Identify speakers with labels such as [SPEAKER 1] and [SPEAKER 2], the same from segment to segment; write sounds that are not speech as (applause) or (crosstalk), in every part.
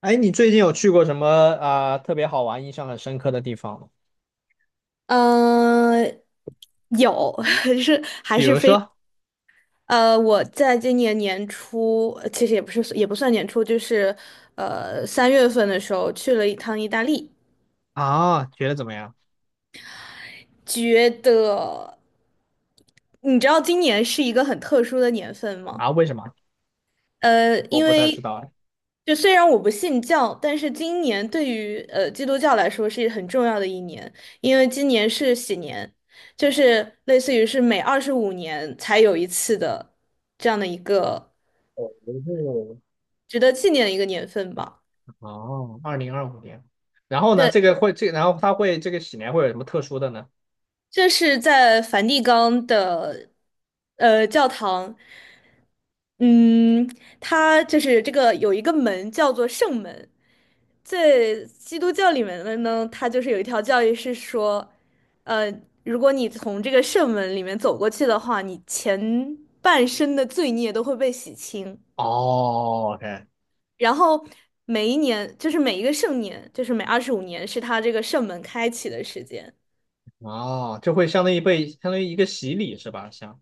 [SPEAKER 1] 哎，你最近有去过什么啊、特别好玩、印象很深刻的地方吗？
[SPEAKER 2] 嗯，有，(laughs) 是还
[SPEAKER 1] 比
[SPEAKER 2] 是
[SPEAKER 1] 如
[SPEAKER 2] 非
[SPEAKER 1] 说
[SPEAKER 2] 我在今年年初，其实也不是也不算年初，就是3月份的时候去了一趟意大利。
[SPEAKER 1] 啊，觉得怎么样
[SPEAKER 2] 觉得你知道今年是一个很特殊的年份吗？
[SPEAKER 1] 啊？为什么？我
[SPEAKER 2] 因
[SPEAKER 1] 不太知
[SPEAKER 2] 为
[SPEAKER 1] 道哎。
[SPEAKER 2] 就虽然我不信教，但是今年对于基督教来说是很重要的一年，因为今年是喜年，就是类似于是每二十五年才有一次的这样的一个值得纪念的一个年份吧。
[SPEAKER 1] 哦，哦2025年，然后呢？
[SPEAKER 2] 对。
[SPEAKER 1] 这个会这个，然后它会这个喜年会有什么特殊的呢？
[SPEAKER 2] 这是在梵蒂冈的教堂。嗯，它就是这个有一个门叫做圣门。在基督教里面的呢，它就是有一条教义是说，呃，如果你从这个圣门里面走过去的话，你前半生的罪孽都会被洗清。
[SPEAKER 1] 哦，OK，
[SPEAKER 2] 然后每一年，就是每一个圣年，就是每二十五年，是他这个圣门开启的时间。
[SPEAKER 1] 哦，就会相当于一个洗礼是吧？像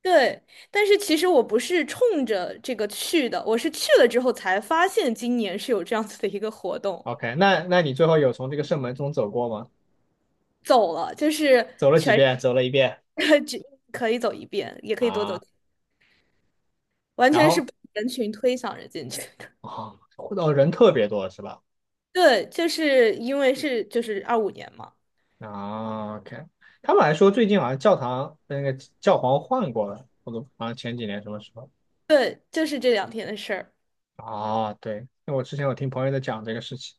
[SPEAKER 2] 对，但是其实我不是冲着这个去的，我是去了之后才发现今年是有这样子的一个活动。
[SPEAKER 1] OK，那你最后有从这个圣门中走过吗？
[SPEAKER 2] 走了，就是
[SPEAKER 1] 走了几遍？走了一遍
[SPEAKER 2] (laughs) 只可以走一遍，也可以多走，
[SPEAKER 1] 啊，
[SPEAKER 2] 完
[SPEAKER 1] 然
[SPEAKER 2] 全是
[SPEAKER 1] 后
[SPEAKER 2] 被人群推搡着进去的。
[SPEAKER 1] 哦，哦，人特别多是吧？
[SPEAKER 2] (laughs) 对，就是因为是就是2025年嘛。
[SPEAKER 1] 啊，OK，他们还说最近好像教堂那个教皇换过了，我都好像前几年什么时候？
[SPEAKER 2] 对，就是这两天的事儿。
[SPEAKER 1] 啊，对，那我之前听朋友在讲这个事情，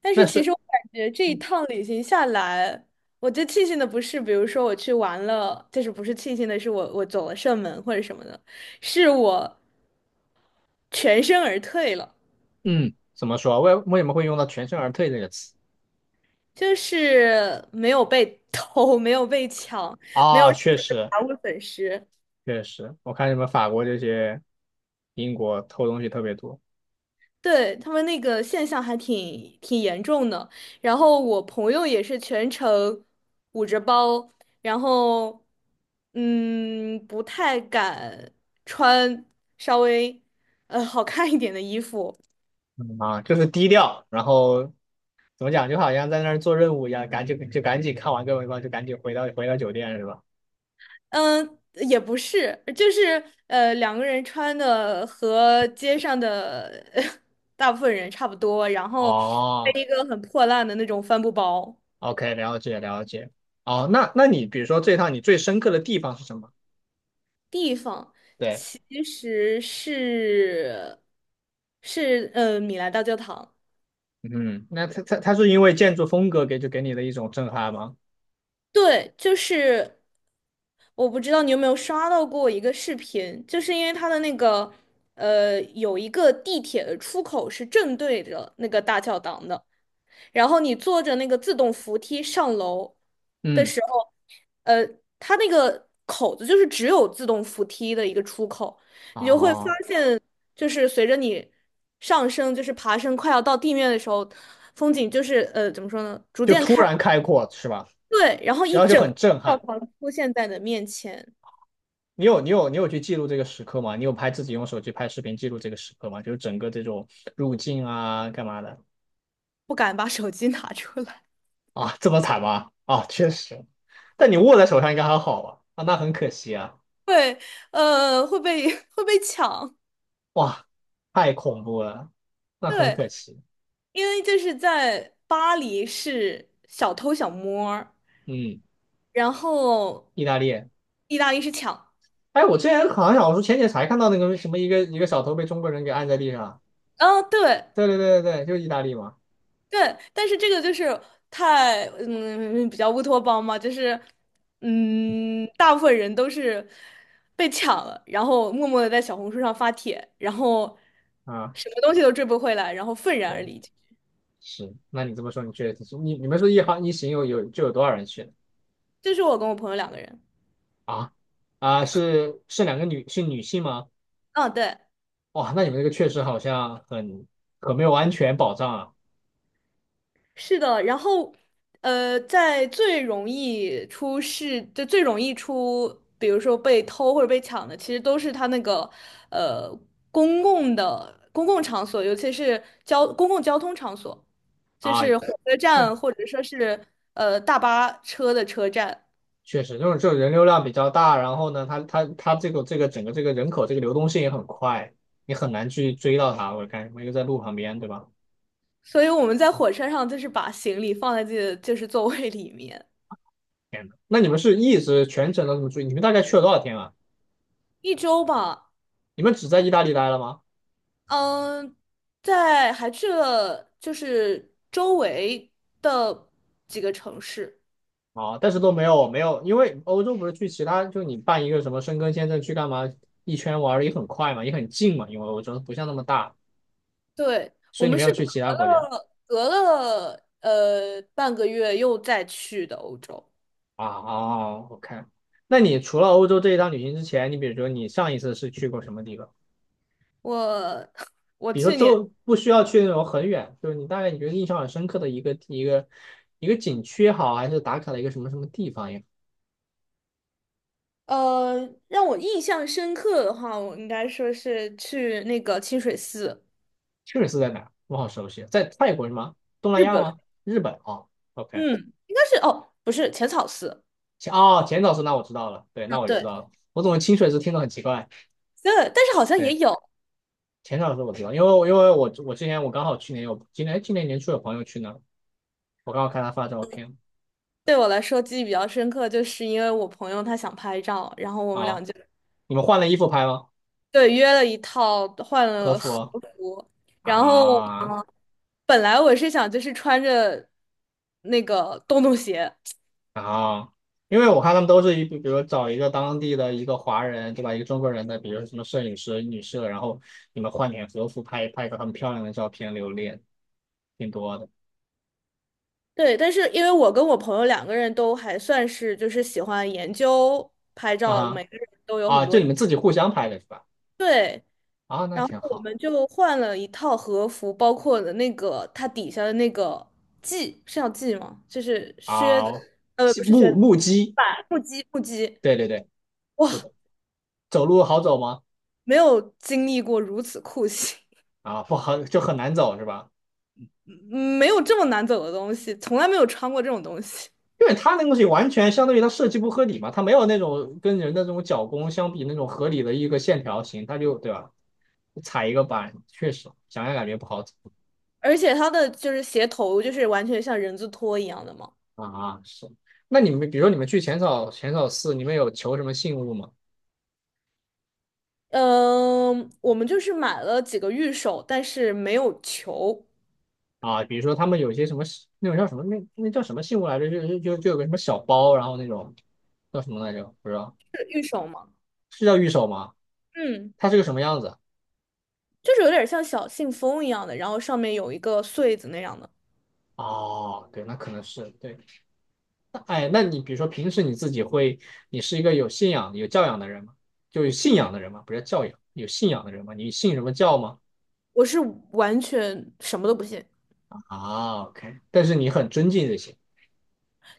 [SPEAKER 2] 但是
[SPEAKER 1] 但
[SPEAKER 2] 其
[SPEAKER 1] 是，
[SPEAKER 2] 实我感觉这一
[SPEAKER 1] 嗯。
[SPEAKER 2] 趟旅行下来，我最庆幸的不是，比如说我去玩了，就是不是庆幸的是我走了射门或者什么的，是我全身而退了，
[SPEAKER 1] 嗯怎么说？为什么会用到全身而退这个词？
[SPEAKER 2] 就是没有被 (laughs) 偷，没有被抢，
[SPEAKER 1] 啊，确
[SPEAKER 2] (laughs)
[SPEAKER 1] 实
[SPEAKER 2] 财物损失。
[SPEAKER 1] 确实，我看你们法国这些英国偷东西特别多，
[SPEAKER 2] 对，他们那个现象还挺严重的。然后我朋友也是全程捂着包，然后不太敢穿稍微好看一点的衣服。
[SPEAKER 1] 嗯啊，就是低调，然后怎么讲，就好像在那儿做任务一样，赶紧就赶紧看完各位吧，就赶紧回到酒店是吧？
[SPEAKER 2] 嗯，也不是，就是两个人穿的和街上的 (laughs) 大部分人差不多，然后背
[SPEAKER 1] 哦，
[SPEAKER 2] 一个很破烂的那种帆布包。
[SPEAKER 1] OK，了解了解。哦，那你比如说这趟你最深刻的地方是什么？
[SPEAKER 2] 地方
[SPEAKER 1] 对，
[SPEAKER 2] 其实是米兰大教堂。
[SPEAKER 1] 嗯，那它是因为建筑风格给你的一种震撼吗？
[SPEAKER 2] 对，就是我不知道你有没有刷到过一个视频，就是因为它的那个有一个地铁的出口是正对着那个大教堂的。然后你坐着那个自动扶梯上楼的
[SPEAKER 1] 嗯，
[SPEAKER 2] 时候，呃，它那个口子就是只有自动扶梯的一个出口，你就会发
[SPEAKER 1] 哦，
[SPEAKER 2] 现，就是随着你上升，就是爬升快要到地面的时候，风景就是怎么说呢，逐
[SPEAKER 1] 就
[SPEAKER 2] 渐
[SPEAKER 1] 突
[SPEAKER 2] 开，
[SPEAKER 1] 然开阔是吧？
[SPEAKER 2] 对，然后一
[SPEAKER 1] 然后就
[SPEAKER 2] 整个
[SPEAKER 1] 很震
[SPEAKER 2] 教
[SPEAKER 1] 撼。
[SPEAKER 2] 堂出现在你的面前。
[SPEAKER 1] 你有去记录这个时刻吗？你有拍自己用手机拍视频记录这个时刻吗？就是整个这种入境啊，干嘛的
[SPEAKER 2] 不敢把手机拿出来，
[SPEAKER 1] 啊？这么惨吗？啊，确实。但你握在手上应该还好吧？啊，那很可惜啊。
[SPEAKER 2] (laughs) 对，会被 (laughs) 会被抢。
[SPEAKER 1] 哇，太恐怖了，那很
[SPEAKER 2] 对，
[SPEAKER 1] 可惜。
[SPEAKER 2] 因为就是在巴黎是小偷小摸儿，
[SPEAKER 1] 嗯。
[SPEAKER 2] 然后
[SPEAKER 1] 意大利。
[SPEAKER 2] 意大利是抢。
[SPEAKER 1] 哎，我之前好像我说前几天才看到那个什么一个小偷被中国人给按在地上。
[SPEAKER 2] 啊，对
[SPEAKER 1] 对对对对对，就是意大利嘛。
[SPEAKER 2] 对，但是这个就是太比较乌托邦嘛，就是大部分人都是被抢了，然后默默的在小红书上发帖，然后
[SPEAKER 1] 啊，
[SPEAKER 2] 什么东西都追不回来，然后愤然而
[SPEAKER 1] 对，
[SPEAKER 2] 离。
[SPEAKER 1] 是。那你这么说，你确实你们说一行有多少人去呢？
[SPEAKER 2] 就是我跟我朋友两个人。
[SPEAKER 1] 啊啊，是两个女性吗？
[SPEAKER 2] 嗯，对。
[SPEAKER 1] 哇，那你们这个确实好像很没有安全保障啊
[SPEAKER 2] 是的，然后，在最容易出事，就最容易出，比如说被偷或者被抢的，其实都是它那个，呃，公共的公共场所，尤其是公共交通场所，就
[SPEAKER 1] 啊！
[SPEAKER 2] 是火车
[SPEAKER 1] 哎，
[SPEAKER 2] 站或者说是大巴车的车站。
[SPEAKER 1] 确实，这种人流量比较大，然后呢，它这个整个这个人口这个流动性也很快，你很难去追到它。我看我一个在路旁边，对吧？
[SPEAKER 2] 所以我们在火车上就是把行李放在自己的就是座位里面。
[SPEAKER 1] 天呐，那你们是一直全程都这么注意？你们大概去了多少天啊？
[SPEAKER 2] 一周吧。
[SPEAKER 1] 你们只在意大利待了吗？
[SPEAKER 2] 嗯，在还去了就是周围的几个城市。
[SPEAKER 1] 啊，但是都没有没有，因为欧洲不是去其他，就你办一个什么申根签证去干嘛？一圈玩儿也很快嘛，也很近嘛，因为欧洲不像那么大，
[SPEAKER 2] 对，
[SPEAKER 1] 所
[SPEAKER 2] 我
[SPEAKER 1] 以你
[SPEAKER 2] 们
[SPEAKER 1] 没有
[SPEAKER 2] 是隔
[SPEAKER 1] 去其他国家
[SPEAKER 2] 了隔了半个月又再去的欧洲。
[SPEAKER 1] 啊。哦，OK，那你除了欧洲这一趟旅行之前，你比如说你上一次是去过什么地方？
[SPEAKER 2] 我 (laughs) 我
[SPEAKER 1] 比如说
[SPEAKER 2] 去年
[SPEAKER 1] 周不需要去那种很远，就是你大概你觉得印象很深刻的一个景区也好，还是打卡的一个什么什么地方也好。
[SPEAKER 2] 呃让我印象深刻的话，我应该说是去那个清水寺。
[SPEAKER 1] 清水寺在哪儿我好熟悉啊，在泰国是吗？东南
[SPEAKER 2] 日
[SPEAKER 1] 亚
[SPEAKER 2] 本。
[SPEAKER 1] 吗？日本啊 O K，
[SPEAKER 2] 嗯，应该是哦，不是浅草寺。
[SPEAKER 1] 哦，浅草寺那我知道了，对，
[SPEAKER 2] 嗯，
[SPEAKER 1] 那我就知
[SPEAKER 2] 对，
[SPEAKER 1] 道了。我怎么清水寺听着很奇怪？
[SPEAKER 2] 对，但是好像也
[SPEAKER 1] 对，
[SPEAKER 2] 有。
[SPEAKER 1] 浅草寺我知道，因为之前我刚好去年有今年年初有朋友去那儿我刚好看他发照片
[SPEAKER 2] 对我来说记忆比较深刻，就是因为我朋友他想拍照，然后我们
[SPEAKER 1] 啊、
[SPEAKER 2] 俩就
[SPEAKER 1] 你们换了衣服拍吗？
[SPEAKER 2] 对约了一套换
[SPEAKER 1] 和
[SPEAKER 2] 了和
[SPEAKER 1] 服哦
[SPEAKER 2] 服。然后
[SPEAKER 1] 啊。
[SPEAKER 2] 本来我是想就是穿着那个洞洞鞋。
[SPEAKER 1] 啊，因为我看他们都是比如找一个当地的一个华人，对吧？一个中国人的，比如什么摄影师、女摄，然后你们换点和服拍拍一个很漂亮的照片留念，挺多的
[SPEAKER 2] 对，但是因为我跟我朋友两个人都还算是就是喜欢研究拍照，
[SPEAKER 1] 啊
[SPEAKER 2] 每个人都有很
[SPEAKER 1] 啊，就
[SPEAKER 2] 多
[SPEAKER 1] 你们自己互相拍的是吧？
[SPEAKER 2] 对。
[SPEAKER 1] 啊，那
[SPEAKER 2] 然后
[SPEAKER 1] 挺
[SPEAKER 2] 我
[SPEAKER 1] 好。
[SPEAKER 2] 们就换了一套和服，包括了那个它底下的那个系，是要系吗？就是靴
[SPEAKER 1] 好，
[SPEAKER 2] 子，
[SPEAKER 1] 西
[SPEAKER 2] 不是靴
[SPEAKER 1] 目
[SPEAKER 2] 子，
[SPEAKER 1] 木屐，
[SPEAKER 2] 板木屐，木屐。
[SPEAKER 1] 对对对，是
[SPEAKER 2] 哇，
[SPEAKER 1] 的。走路好走吗？
[SPEAKER 2] 没有经历过如此酷刑，
[SPEAKER 1] 啊，不好，就很难走是吧？
[SPEAKER 2] 嗯没有这么难走的东西，从来没有穿过这种东西。
[SPEAKER 1] 因为它那个东西完全相当于它设计不合理嘛，它没有那种跟人的这种脚弓相比那种合理的一个线条型，它就对吧？踩一个板，确实想想感觉不好走
[SPEAKER 2] 而且它的就是鞋头，就是完全像人字拖一样的嘛。
[SPEAKER 1] 啊。是，那你们比如说你们去浅草寺，你们有求什么信物吗？
[SPEAKER 2] 嗯，我们就是买了几个玉手，但是没有球。
[SPEAKER 1] 啊，比如说他们有些什么那种叫什么那叫什么信物来着？就有个什么小包，然后那种叫什么来着？不知道
[SPEAKER 2] 是玉手吗？
[SPEAKER 1] 是叫玉手吗？
[SPEAKER 2] 嗯。
[SPEAKER 1] 它是个什么样子？
[SPEAKER 2] 就是有点像小信封一样的，然后上面有一个穗子那样的。
[SPEAKER 1] 哦，对，那可能是对。那哎，那你比如说平时你自己会，你是一个有信仰、有教养的人吗？就有信仰的人吗？不是教养，有信仰的人吗？你信什么教吗？
[SPEAKER 2] 我是完全什么都不信，
[SPEAKER 1] 啊，OK，但是你很尊敬这些。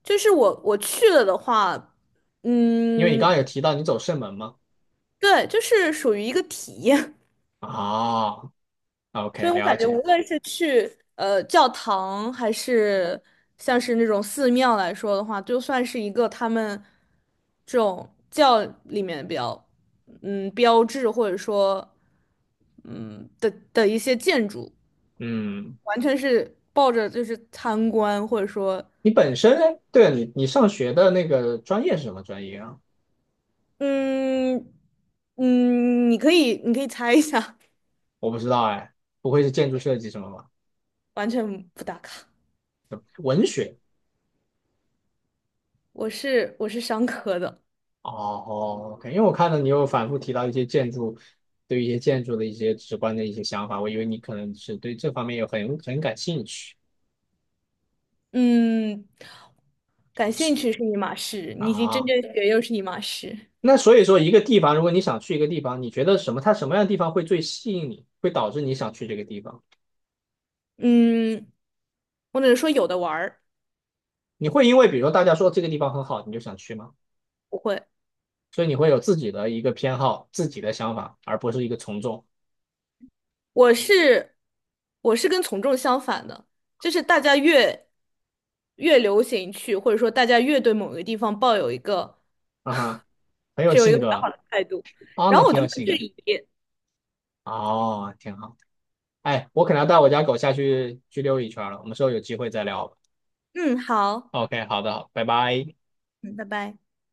[SPEAKER 2] 就是我去了的话，
[SPEAKER 1] 因为你刚
[SPEAKER 2] 嗯，
[SPEAKER 1] 刚有提到你走射门吗？
[SPEAKER 2] 对，就是属于一个体验。
[SPEAKER 1] 啊
[SPEAKER 2] (laughs) 所
[SPEAKER 1] ，OK，
[SPEAKER 2] 以我
[SPEAKER 1] 了
[SPEAKER 2] 感觉
[SPEAKER 1] 解。
[SPEAKER 2] 无论是去教堂，还是像是那种寺庙来说的话，就算是一个他们这种教里面比较标志或者说的一些建筑。
[SPEAKER 1] 嗯，
[SPEAKER 2] 完全是抱着就是参观，或者说，
[SPEAKER 1] 你本身哎，对了，你上学的那个专业是什么专业啊？
[SPEAKER 2] 嗯嗯，你可以猜一下。
[SPEAKER 1] 我不知道哎，不会是建筑设计什么吧？
[SPEAKER 2] (laughs) 完全不打卡。
[SPEAKER 1] 文学。
[SPEAKER 2] 我是商科的。
[SPEAKER 1] 哦哦，OK，因为我看到你又反复提到一些建筑，对一些建筑的一些直观的一些想法，我以为你可能是对这方面有很感兴趣
[SPEAKER 2] 嗯，感兴趣是一码事，你已经真
[SPEAKER 1] 啊。
[SPEAKER 2] 正学又是一码事。
[SPEAKER 1] 那所以说，一个地方，如果你想去一个地方，你觉得什么，它什么样的地方会最吸引你，会导致你想去这个地方？
[SPEAKER 2] 嗯，我只能说有的玩儿。
[SPEAKER 1] 你会因为比如说大家说这个地方很好，你就想去吗？
[SPEAKER 2] 不会。
[SPEAKER 1] 所以你会有自己的一个偏好、自己的想法，而不是一个从众。
[SPEAKER 2] 我是我是跟从众相反的，就是大家越流行去，或者说大家越对某个地方抱有一个。
[SPEAKER 1] 啊哈，很有
[SPEAKER 2] 是有一个
[SPEAKER 1] 性
[SPEAKER 2] 比
[SPEAKER 1] 格
[SPEAKER 2] 较好的态度。
[SPEAKER 1] 啊，
[SPEAKER 2] 然
[SPEAKER 1] 那
[SPEAKER 2] 后我就
[SPEAKER 1] 挺有
[SPEAKER 2] 很
[SPEAKER 1] 性
[SPEAKER 2] 质
[SPEAKER 1] 格
[SPEAKER 2] 疑。
[SPEAKER 1] 哦，挺好。哎，我可能要带我家狗下去溜一圈了，我们之后有机会再聊吧。
[SPEAKER 2] 嗯，好。
[SPEAKER 1] OK，好的，好，拜拜。
[SPEAKER 2] 嗯，拜拜。